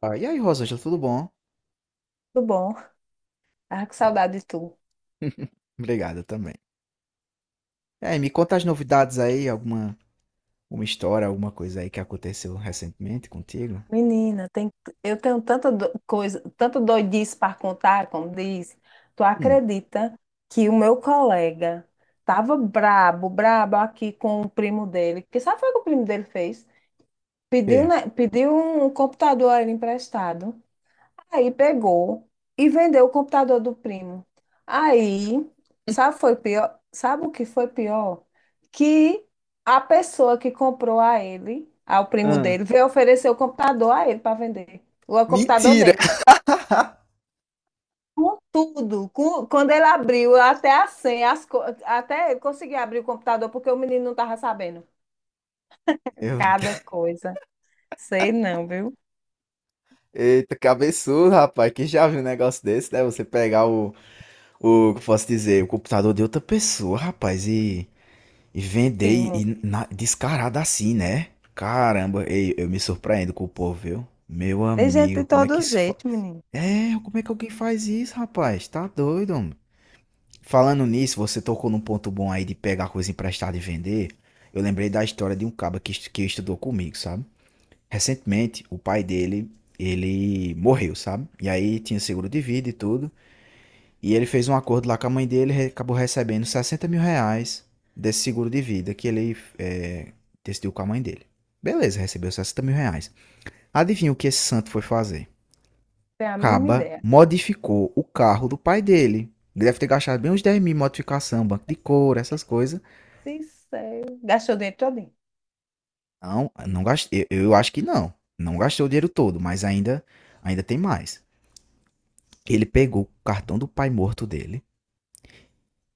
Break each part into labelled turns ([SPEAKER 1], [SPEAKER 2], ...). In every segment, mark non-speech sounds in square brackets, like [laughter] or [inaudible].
[SPEAKER 1] Ah, e aí, Rosângela, tudo bom?
[SPEAKER 2] Tudo bom? Ah, que saudade de tu.
[SPEAKER 1] [laughs] Obrigado também. Me conta as novidades aí, alguma uma história, alguma coisa aí que aconteceu recentemente contigo?
[SPEAKER 2] Menina, tem, eu tenho tanta coisa, tanto doidice para contar, como diz. Tu
[SPEAKER 1] Hum,
[SPEAKER 2] acredita que o meu colega tava brabo aqui com o primo dele? Que sabe foi o que o primo dele fez? Pediu,
[SPEAKER 1] quê?
[SPEAKER 2] né, pediu um computador a ele emprestado. Aí pegou e vendeu o computador do primo. Aí, sabe, foi pior, sabe o que foi pior? Que a pessoa que comprou a ele, ao primo
[SPEAKER 1] Ah,
[SPEAKER 2] dele, veio oferecer o computador a ele para vender. O computador
[SPEAKER 1] mentira!
[SPEAKER 2] dele.
[SPEAKER 1] [laughs]
[SPEAKER 2] Com tudo. Com, quando ele abriu, até a senha, até ele conseguia abrir o computador porque o menino não estava sabendo.
[SPEAKER 1] Meu
[SPEAKER 2] Cada
[SPEAKER 1] Deus.
[SPEAKER 2] coisa. Sei não, viu?
[SPEAKER 1] Eita, cabeçudo, rapaz. Quem já viu um negócio desse, né? Você pegar que eu posso dizer, o computador de outra pessoa, rapaz, e vender e,
[SPEAKER 2] Primo.
[SPEAKER 1] e na- descarado assim, né? Caramba, ei, eu me surpreendo com o povo, viu? Meu
[SPEAKER 2] Tem gente de
[SPEAKER 1] amigo, como é
[SPEAKER 2] todo
[SPEAKER 1] que se
[SPEAKER 2] jeito, menino.
[SPEAKER 1] É, como é que alguém faz isso, rapaz? Tá doido, homem. Falando nisso, você tocou num ponto bom aí de pegar coisa emprestada e vender. Eu lembrei da história de um caba que que estudou comigo, sabe? Recentemente, o pai dele, ele morreu, sabe? E aí tinha seguro de vida e tudo. E ele fez um acordo lá com a mãe dele, acabou recebendo 60 mil reais desse seguro de vida que ele decidiu com a mãe dele. Beleza, recebeu 60 mil reais. Adivinha o que esse santo foi fazer?
[SPEAKER 2] Tem a mínima
[SPEAKER 1] Caba
[SPEAKER 2] ideia.
[SPEAKER 1] modificou o carro do pai dele. Ele deve ter gastado bem uns 10 mil em modificação, banco de couro, essas coisas.
[SPEAKER 2] Sincero. Gastou o dinheiro todo.
[SPEAKER 1] Não, não gastei. Eu acho que não. Não gastou o dinheiro todo, mas ainda tem mais. Ele pegou o cartão do pai morto dele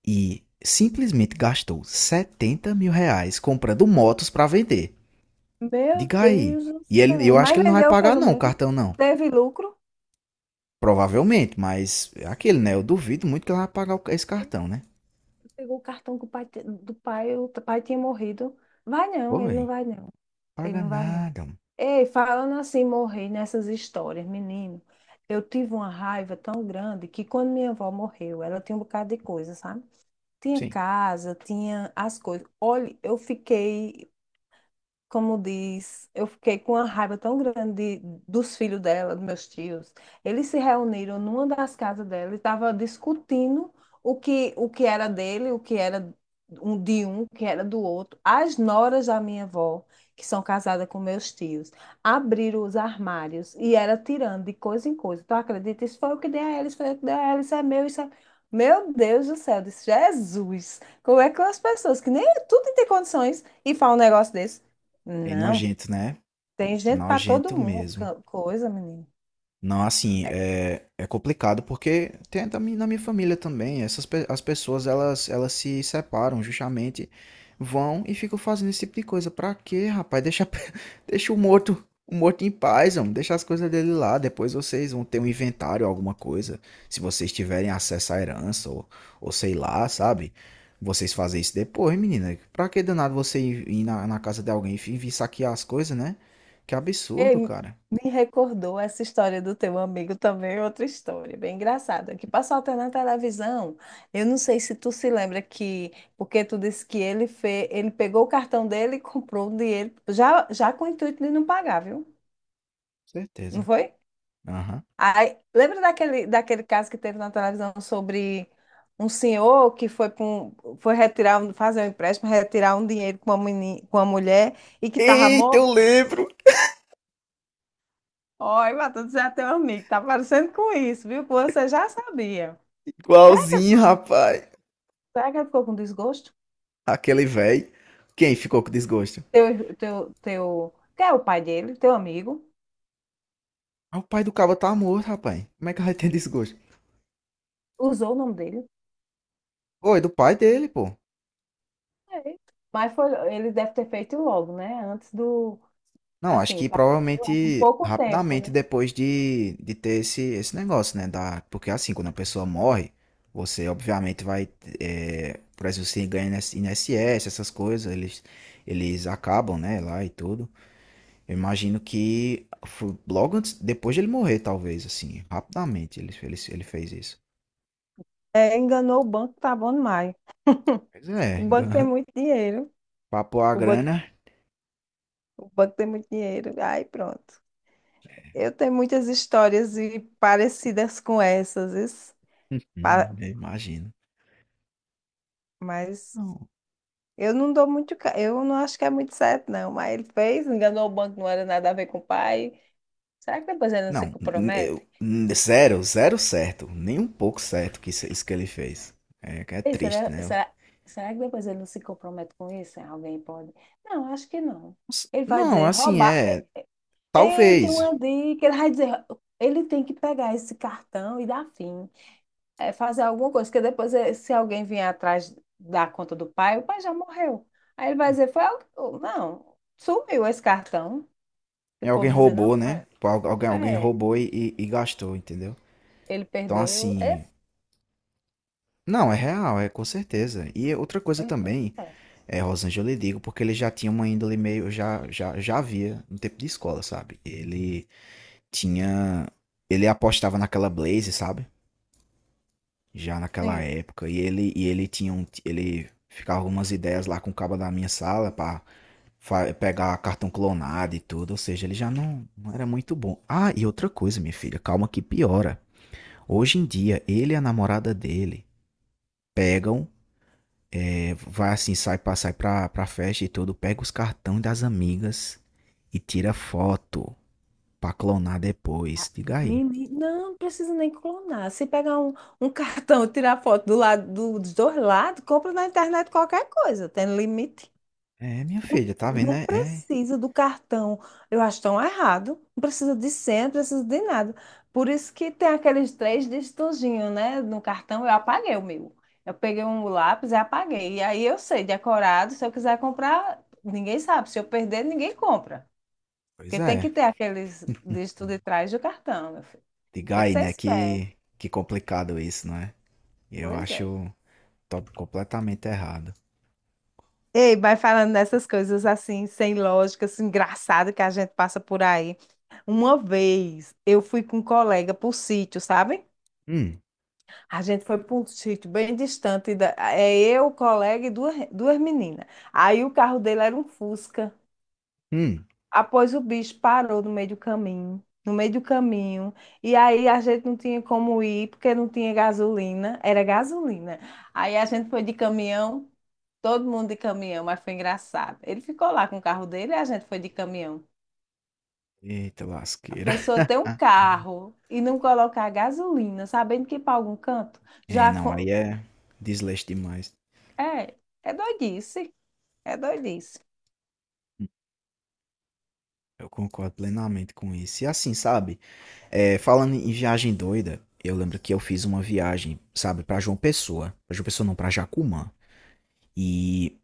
[SPEAKER 1] e simplesmente gastou 70 mil reais comprando motos para vender.
[SPEAKER 2] Meu
[SPEAKER 1] Diga aí.
[SPEAKER 2] Deus do
[SPEAKER 1] E ele,
[SPEAKER 2] céu.
[SPEAKER 1] eu acho que
[SPEAKER 2] Mas
[SPEAKER 1] ele não vai
[SPEAKER 2] vendeu
[SPEAKER 1] pagar
[SPEAKER 2] pelo
[SPEAKER 1] não o
[SPEAKER 2] menos.
[SPEAKER 1] cartão não.
[SPEAKER 2] Teve lucro.
[SPEAKER 1] Provavelmente, mas é aquele, né? Eu duvido muito que ele vai pagar esse cartão, né?
[SPEAKER 2] Pegou o cartão que o pai, te- do pai, o pai tinha morrido. Vai não, ele não
[SPEAKER 1] Oi,
[SPEAKER 2] vai não. Ele
[SPEAKER 1] paga
[SPEAKER 2] não vai não.
[SPEAKER 1] nada.
[SPEAKER 2] Ei, falando assim, morrer nessas histórias, menino. Eu tive uma raiva tão grande que quando minha avó morreu, ela tinha um bocado de coisa, sabe? Tinha
[SPEAKER 1] Sim.
[SPEAKER 2] casa, tinha as coisas. Olha, eu fiquei, como diz, eu fiquei com uma raiva tão grande dos filhos dela, dos meus tios. Eles se reuniram numa das casas dela e estavam discutindo o que era dele, o que era um de um, o que era do outro. As noras da minha avó, que são casadas com meus tios, abriram os armários e era tirando de coisa em coisa. Tu acredita? Isso foi o que dei a ela, isso foi o que dei a ela, isso é... Meu Deus do céu, eu disse, Jesus, como é que as pessoas que nem tudo tem condições e falam um negócio desse?
[SPEAKER 1] É
[SPEAKER 2] Não,
[SPEAKER 1] nojento, né?
[SPEAKER 2] tem gente para
[SPEAKER 1] Nojento
[SPEAKER 2] todo mundo,
[SPEAKER 1] mesmo.
[SPEAKER 2] coisa, menino.
[SPEAKER 1] Não, assim,
[SPEAKER 2] É,
[SPEAKER 1] é complicado porque tem na minha família também, as pessoas elas se separam justamente, vão e ficam fazendo esse tipo de coisa. Pra quê, rapaz? Deixa, [laughs] deixa o morto em paz, homem. Deixa as coisas dele lá. Depois vocês vão ter um inventário, alguma coisa, se vocês tiverem acesso à herança ou sei lá, sabe? Vocês fazem isso depois, menina. Pra que danado você ir na, na casa de alguém e vir saquear as coisas, né? Que
[SPEAKER 2] ei,
[SPEAKER 1] absurdo, cara.
[SPEAKER 2] me recordou essa história do teu amigo também, outra história, bem engraçada, que passou até na televisão. Eu não sei se tu se lembra que, porque tu disse que ele fez, ele pegou o cartão dele e [laughs] comprou o dinheiro, já com o intuito de não pagar, viu? Não
[SPEAKER 1] Certeza.
[SPEAKER 2] foi?
[SPEAKER 1] Aham.
[SPEAKER 2] Aí, lembra daquele caso que teve na televisão sobre um senhor que foi, foi retirar, fazer um empréstimo, retirar um dinheiro com com uma mulher e que estava
[SPEAKER 1] Eita, eu
[SPEAKER 2] morto?
[SPEAKER 1] lembro.
[SPEAKER 2] Olha, Matheus, já é teu amigo, tá parecendo com isso, viu? Que você já sabia.
[SPEAKER 1] Igualzinho, rapaz.
[SPEAKER 2] Será que ele ficou com desgosto?
[SPEAKER 1] Aquele velho. Quem ficou com desgosto?
[SPEAKER 2] Que é o pai dele, teu amigo,
[SPEAKER 1] Ah, o pai do cabo tá morto, rapaz. Como é que vai ter desgosto?
[SPEAKER 2] usou o nome dele.
[SPEAKER 1] Foi do pai dele, pô.
[SPEAKER 2] É. Mas foi, ele deve ter feito logo, né? Antes do,
[SPEAKER 1] Não, acho
[SPEAKER 2] assim, o
[SPEAKER 1] que
[SPEAKER 2] pai morreu, é com
[SPEAKER 1] provavelmente
[SPEAKER 2] pouco tempo,
[SPEAKER 1] rapidamente
[SPEAKER 2] né?
[SPEAKER 1] depois de ter esse negócio, né? Da, porque assim, quando a pessoa morre, você obviamente vai. É, por exemplo, você ganha INSS, essas coisas, eles acabam, né? Lá e tudo. Eu imagino que foi logo antes, depois de ele morrer, talvez, assim, rapidamente ele fez isso.
[SPEAKER 2] É, enganou o banco, tá bom demais.
[SPEAKER 1] Pois é,
[SPEAKER 2] O banco tem
[SPEAKER 1] [laughs]
[SPEAKER 2] muito dinheiro.
[SPEAKER 1] papou a
[SPEAKER 2] O banco,
[SPEAKER 1] grana,
[SPEAKER 2] o banco tem muito dinheiro. Aí pronto. Eu tenho muitas histórias e parecidas com essas, isso.
[SPEAKER 1] [laughs]
[SPEAKER 2] Pa-
[SPEAKER 1] uhum, eu imagino.
[SPEAKER 2] mas
[SPEAKER 1] Não,
[SPEAKER 2] eu não dou muito. Eu não acho que é muito certo, não. Mas ele fez, enganou o banco, não era nada a ver com o pai. Será que depois ele não se
[SPEAKER 1] não,
[SPEAKER 2] compromete?
[SPEAKER 1] eu- zero certo, nem um pouco certo que isso que ele fez. É, que é
[SPEAKER 2] Ei,
[SPEAKER 1] triste, né?
[SPEAKER 2] será que depois ele não se compromete com isso? Alguém pode? Não, acho que não. Ele vai
[SPEAKER 1] Não,
[SPEAKER 2] dizer,
[SPEAKER 1] assim,
[SPEAKER 2] roubar.
[SPEAKER 1] é,
[SPEAKER 2] Ei, tem
[SPEAKER 1] talvez,
[SPEAKER 2] uma dica. Ele vai dizer, ele tem que pegar esse cartão e dar fim. É, fazer alguma coisa, porque depois, se alguém vier atrás da conta do pai, o pai já morreu. Aí ele vai dizer, foi algo. Não, sumiu esse cartão. E o
[SPEAKER 1] é alguém
[SPEAKER 2] povo dizer, não,
[SPEAKER 1] roubou,
[SPEAKER 2] foi.
[SPEAKER 1] né? Alguém
[SPEAKER 2] É,
[SPEAKER 1] roubou e gastou, entendeu?
[SPEAKER 2] ele
[SPEAKER 1] Então,
[SPEAKER 2] perdeu. É,
[SPEAKER 1] assim, não, é real, é com certeza. E outra coisa
[SPEAKER 2] ele foi
[SPEAKER 1] também
[SPEAKER 2] esperto.
[SPEAKER 1] É, Rosângela, eu lhe digo porque ele já tinha uma índole meio. Já havia no tempo de escola, sabe? Ele tinha. Ele apostava naquela Blaze, sabe? Já naquela
[SPEAKER 2] Sim.
[SPEAKER 1] época. E ele tinha um. Ele ficava algumas ideias lá com o cabo da minha sala pra pegar cartão clonado e tudo. Ou seja, ele já não, não era muito bom. Ah, e outra coisa, minha filha, calma que piora. Hoje em dia, ele e a namorada dele pegam Vai assim, sai pra festa e tudo, pega os cartões das amigas e tira foto pra clonar
[SPEAKER 2] Ah,
[SPEAKER 1] depois. Diga aí.
[SPEAKER 2] menino, não precisa nem clonar. Se pegar um cartão e tirar foto do lado dos dois lados, compra na internet qualquer coisa, tem limite.
[SPEAKER 1] É, minha filha, tá vendo,
[SPEAKER 2] Não
[SPEAKER 1] né? É,
[SPEAKER 2] precisa do cartão. Eu acho tão errado. Não precisa de senha, não precisa de nada. Por isso que tem aqueles três dígitozinhos, né? No cartão, eu apaguei o meu. Eu peguei um lápis e apaguei. E aí eu sei, decorado, se eu quiser comprar, ninguém sabe. Se eu perder, ninguém compra.
[SPEAKER 1] pois
[SPEAKER 2] Porque tem que
[SPEAKER 1] é.
[SPEAKER 2] ter aqueles dígitos de trás do cartão, meu filho.
[SPEAKER 1] Diga
[SPEAKER 2] Tem que
[SPEAKER 1] aí,
[SPEAKER 2] ser
[SPEAKER 1] né?
[SPEAKER 2] esperto.
[SPEAKER 1] Que complicado isso, não é? Eu
[SPEAKER 2] Pois é.
[SPEAKER 1] acho top completamente errado.
[SPEAKER 2] Ei, vai falando dessas coisas assim, sem lógica, assim, engraçado que a gente passa por aí. Uma vez eu fui com um colega para o sítio, sabe?
[SPEAKER 1] Hum,
[SPEAKER 2] A gente foi para um sítio bem distante. Da... É eu, o colega e duas meninas. Aí o carro dele era um Fusca.
[SPEAKER 1] hum.
[SPEAKER 2] Após o bicho parou no meio do caminho, e aí a gente não tinha como ir porque não tinha gasolina, era gasolina. Aí a gente foi de caminhão, todo mundo de caminhão, mas foi engraçado. Ele ficou lá com o carro dele e a gente foi de caminhão.
[SPEAKER 1] Eita
[SPEAKER 2] A
[SPEAKER 1] lasqueira.
[SPEAKER 2] pessoa ter um carro e não colocar gasolina, sabendo que ir para algum canto,
[SPEAKER 1] E
[SPEAKER 2] já
[SPEAKER 1] não,
[SPEAKER 2] co-
[SPEAKER 1] aí é desleixo demais.
[SPEAKER 2] é, é doidice, é doidice.
[SPEAKER 1] Eu concordo plenamente com isso. E assim, sabe? É, falando em viagem doida, eu lembro que eu fiz uma viagem, sabe, pra João Pessoa. Pra João Pessoa não, pra Jacumã. E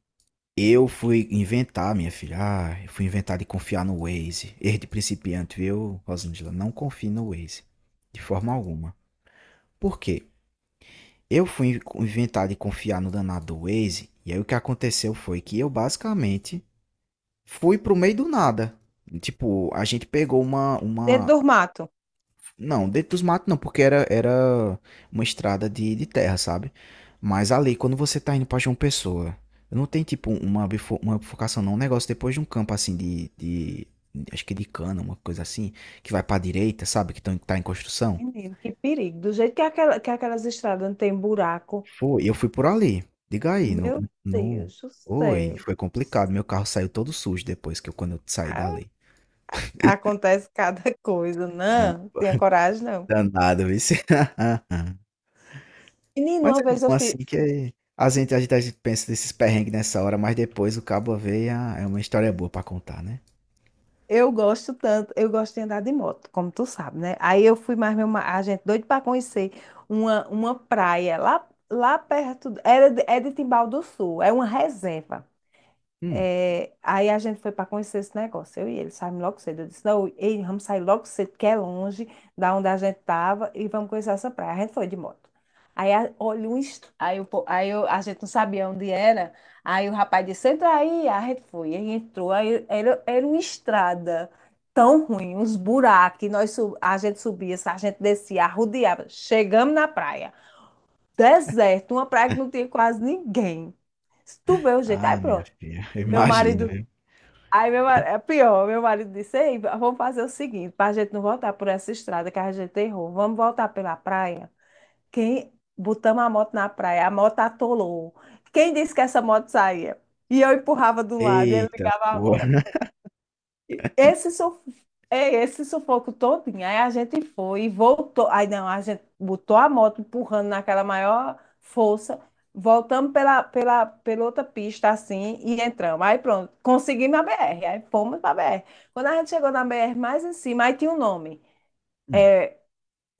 [SPEAKER 1] eu fui inventar, minha filha. Ah, eu fui inventar de confiar no Waze. Erro de principiante, viu, Rosângela? Não confie no Waze. De forma alguma. Por quê? Eu fui inventar de confiar no danado do Waze. E aí o que aconteceu foi que eu basicamente fui pro meio do nada. Tipo, a gente pegou uma,
[SPEAKER 2] Dentro
[SPEAKER 1] uma
[SPEAKER 2] do mato.
[SPEAKER 1] Não, dentro dos matos não, porque era uma estrada de terra, sabe? Mas ali, quando você tá indo pra João Pessoa, não tem tipo uma, uma bifurcação, não. Um negócio depois de um campo assim de Acho que de cana, uma coisa assim, que vai pra direita, sabe? Que tá em construção.
[SPEAKER 2] Menino, que perigo. Do jeito que, que aquelas estradas não tem buraco,
[SPEAKER 1] Foi, eu fui por ali. Diga aí, no,
[SPEAKER 2] Meu
[SPEAKER 1] no.
[SPEAKER 2] Deus do
[SPEAKER 1] Oi,
[SPEAKER 2] céu.
[SPEAKER 1] foi complicado. Meu carro saiu todo sujo depois que eu, quando eu saí dali.
[SPEAKER 2] Acontece cada [laughs] coisa,
[SPEAKER 1] Na-
[SPEAKER 2] não. Tenha
[SPEAKER 1] [laughs]
[SPEAKER 2] coragem, não.
[SPEAKER 1] Danado, viu? [laughs]
[SPEAKER 2] Menino,
[SPEAKER 1] Mas
[SPEAKER 2] uma
[SPEAKER 1] é
[SPEAKER 2] vez eu
[SPEAKER 1] bom
[SPEAKER 2] fiz.
[SPEAKER 1] assim que a gente pensa desses perrengues nessa hora, mas depois o cabo vê e ah, é uma história boa pra contar, né?
[SPEAKER 2] Eu gosto tanto, eu gosto de andar de moto, como tu sabe, né? Aí eu fui mais a gente doido para conhecer uma praia lá, lá perto, era de, é de Timbal do Sul, é uma reserva.
[SPEAKER 1] Hum.
[SPEAKER 2] É, aí a gente foi para conhecer esse negócio, eu e ele, saímos logo cedo. Eu disse, não, ei, vamos sair logo cedo, que é longe da onde a gente estava, e vamos conhecer essa praia. A gente foi de moto. Aí, olha, um est... aí, o po- aí eu- a gente não sabia onde era, aí o rapaz disse, entra aí, a gente foi. Aí entrou, era uma estrada tão ruim, uns buracos, e nós, a gente subia, a gente descia, arrodeava. Chegamos na praia, deserto, uma praia que não tinha quase ninguém. Se tu vê o jeito, aí
[SPEAKER 1] Ah, minha
[SPEAKER 2] pronto.
[SPEAKER 1] filha, [laughs] eu
[SPEAKER 2] Meu
[SPEAKER 1] imagino,
[SPEAKER 2] marido
[SPEAKER 1] viu?
[SPEAKER 2] Aí meu marido, é pior, meu marido disse, ei, vamos fazer o seguinte, para a gente não voltar por essa estrada que a gente errou, vamos voltar pela praia. Quem botamos a moto na praia, a moto atolou. Quem disse que essa moto saía? E eu empurrava de um lado e ele
[SPEAKER 1] Eita,
[SPEAKER 2] ligava a moto.
[SPEAKER 1] porra.
[SPEAKER 2] Esse, suf... é, esse sufoco todinho. Aí a gente foi e voltou. Aí não, a gente botou a moto empurrando naquela maior força. Voltamos pela outra pista assim e entramos. Aí pronto, conseguimos a BR. Aí fomos para a BR. Quando a gente chegou na BR mais em cima, aí tinha o nome.
[SPEAKER 1] Hum.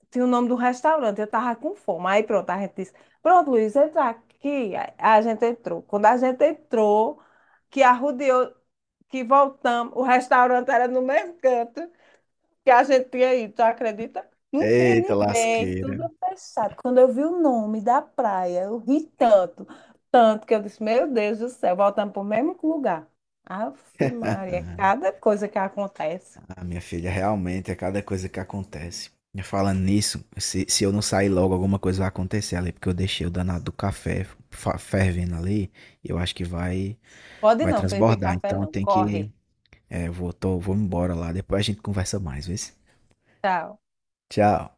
[SPEAKER 2] Tinha o nome do restaurante. Eu tava com fome. Aí pronto, a gente disse: Pronto, Luiz, entra aqui. Aí a gente entrou. Quando a gente entrou, que arrodeou, que voltamos, o restaurante era no mesmo canto que a gente tinha ido, tu acredita? Não tinha
[SPEAKER 1] Eita,
[SPEAKER 2] ninguém,
[SPEAKER 1] lasqueira.
[SPEAKER 2] tudo fechado. Quando eu vi o nome da praia, eu ri tanto que eu disse, meu Deus do céu, voltamos para o mesmo lugar. Ave Maria, cada coisa que acontece.
[SPEAKER 1] Ah, minha filha, realmente é cada coisa que acontece. E falando nisso, se eu não sair logo, alguma coisa vai acontecer ali, porque eu deixei o danado do café fervendo ali, e eu acho que vai
[SPEAKER 2] Pode
[SPEAKER 1] vai
[SPEAKER 2] não, Felipe
[SPEAKER 1] transbordar.
[SPEAKER 2] Café
[SPEAKER 1] Então
[SPEAKER 2] não,
[SPEAKER 1] tem que.
[SPEAKER 2] corre,
[SPEAKER 1] É, vou embora lá, depois a gente conversa mais, vê?
[SPEAKER 2] tchau.
[SPEAKER 1] Tchau.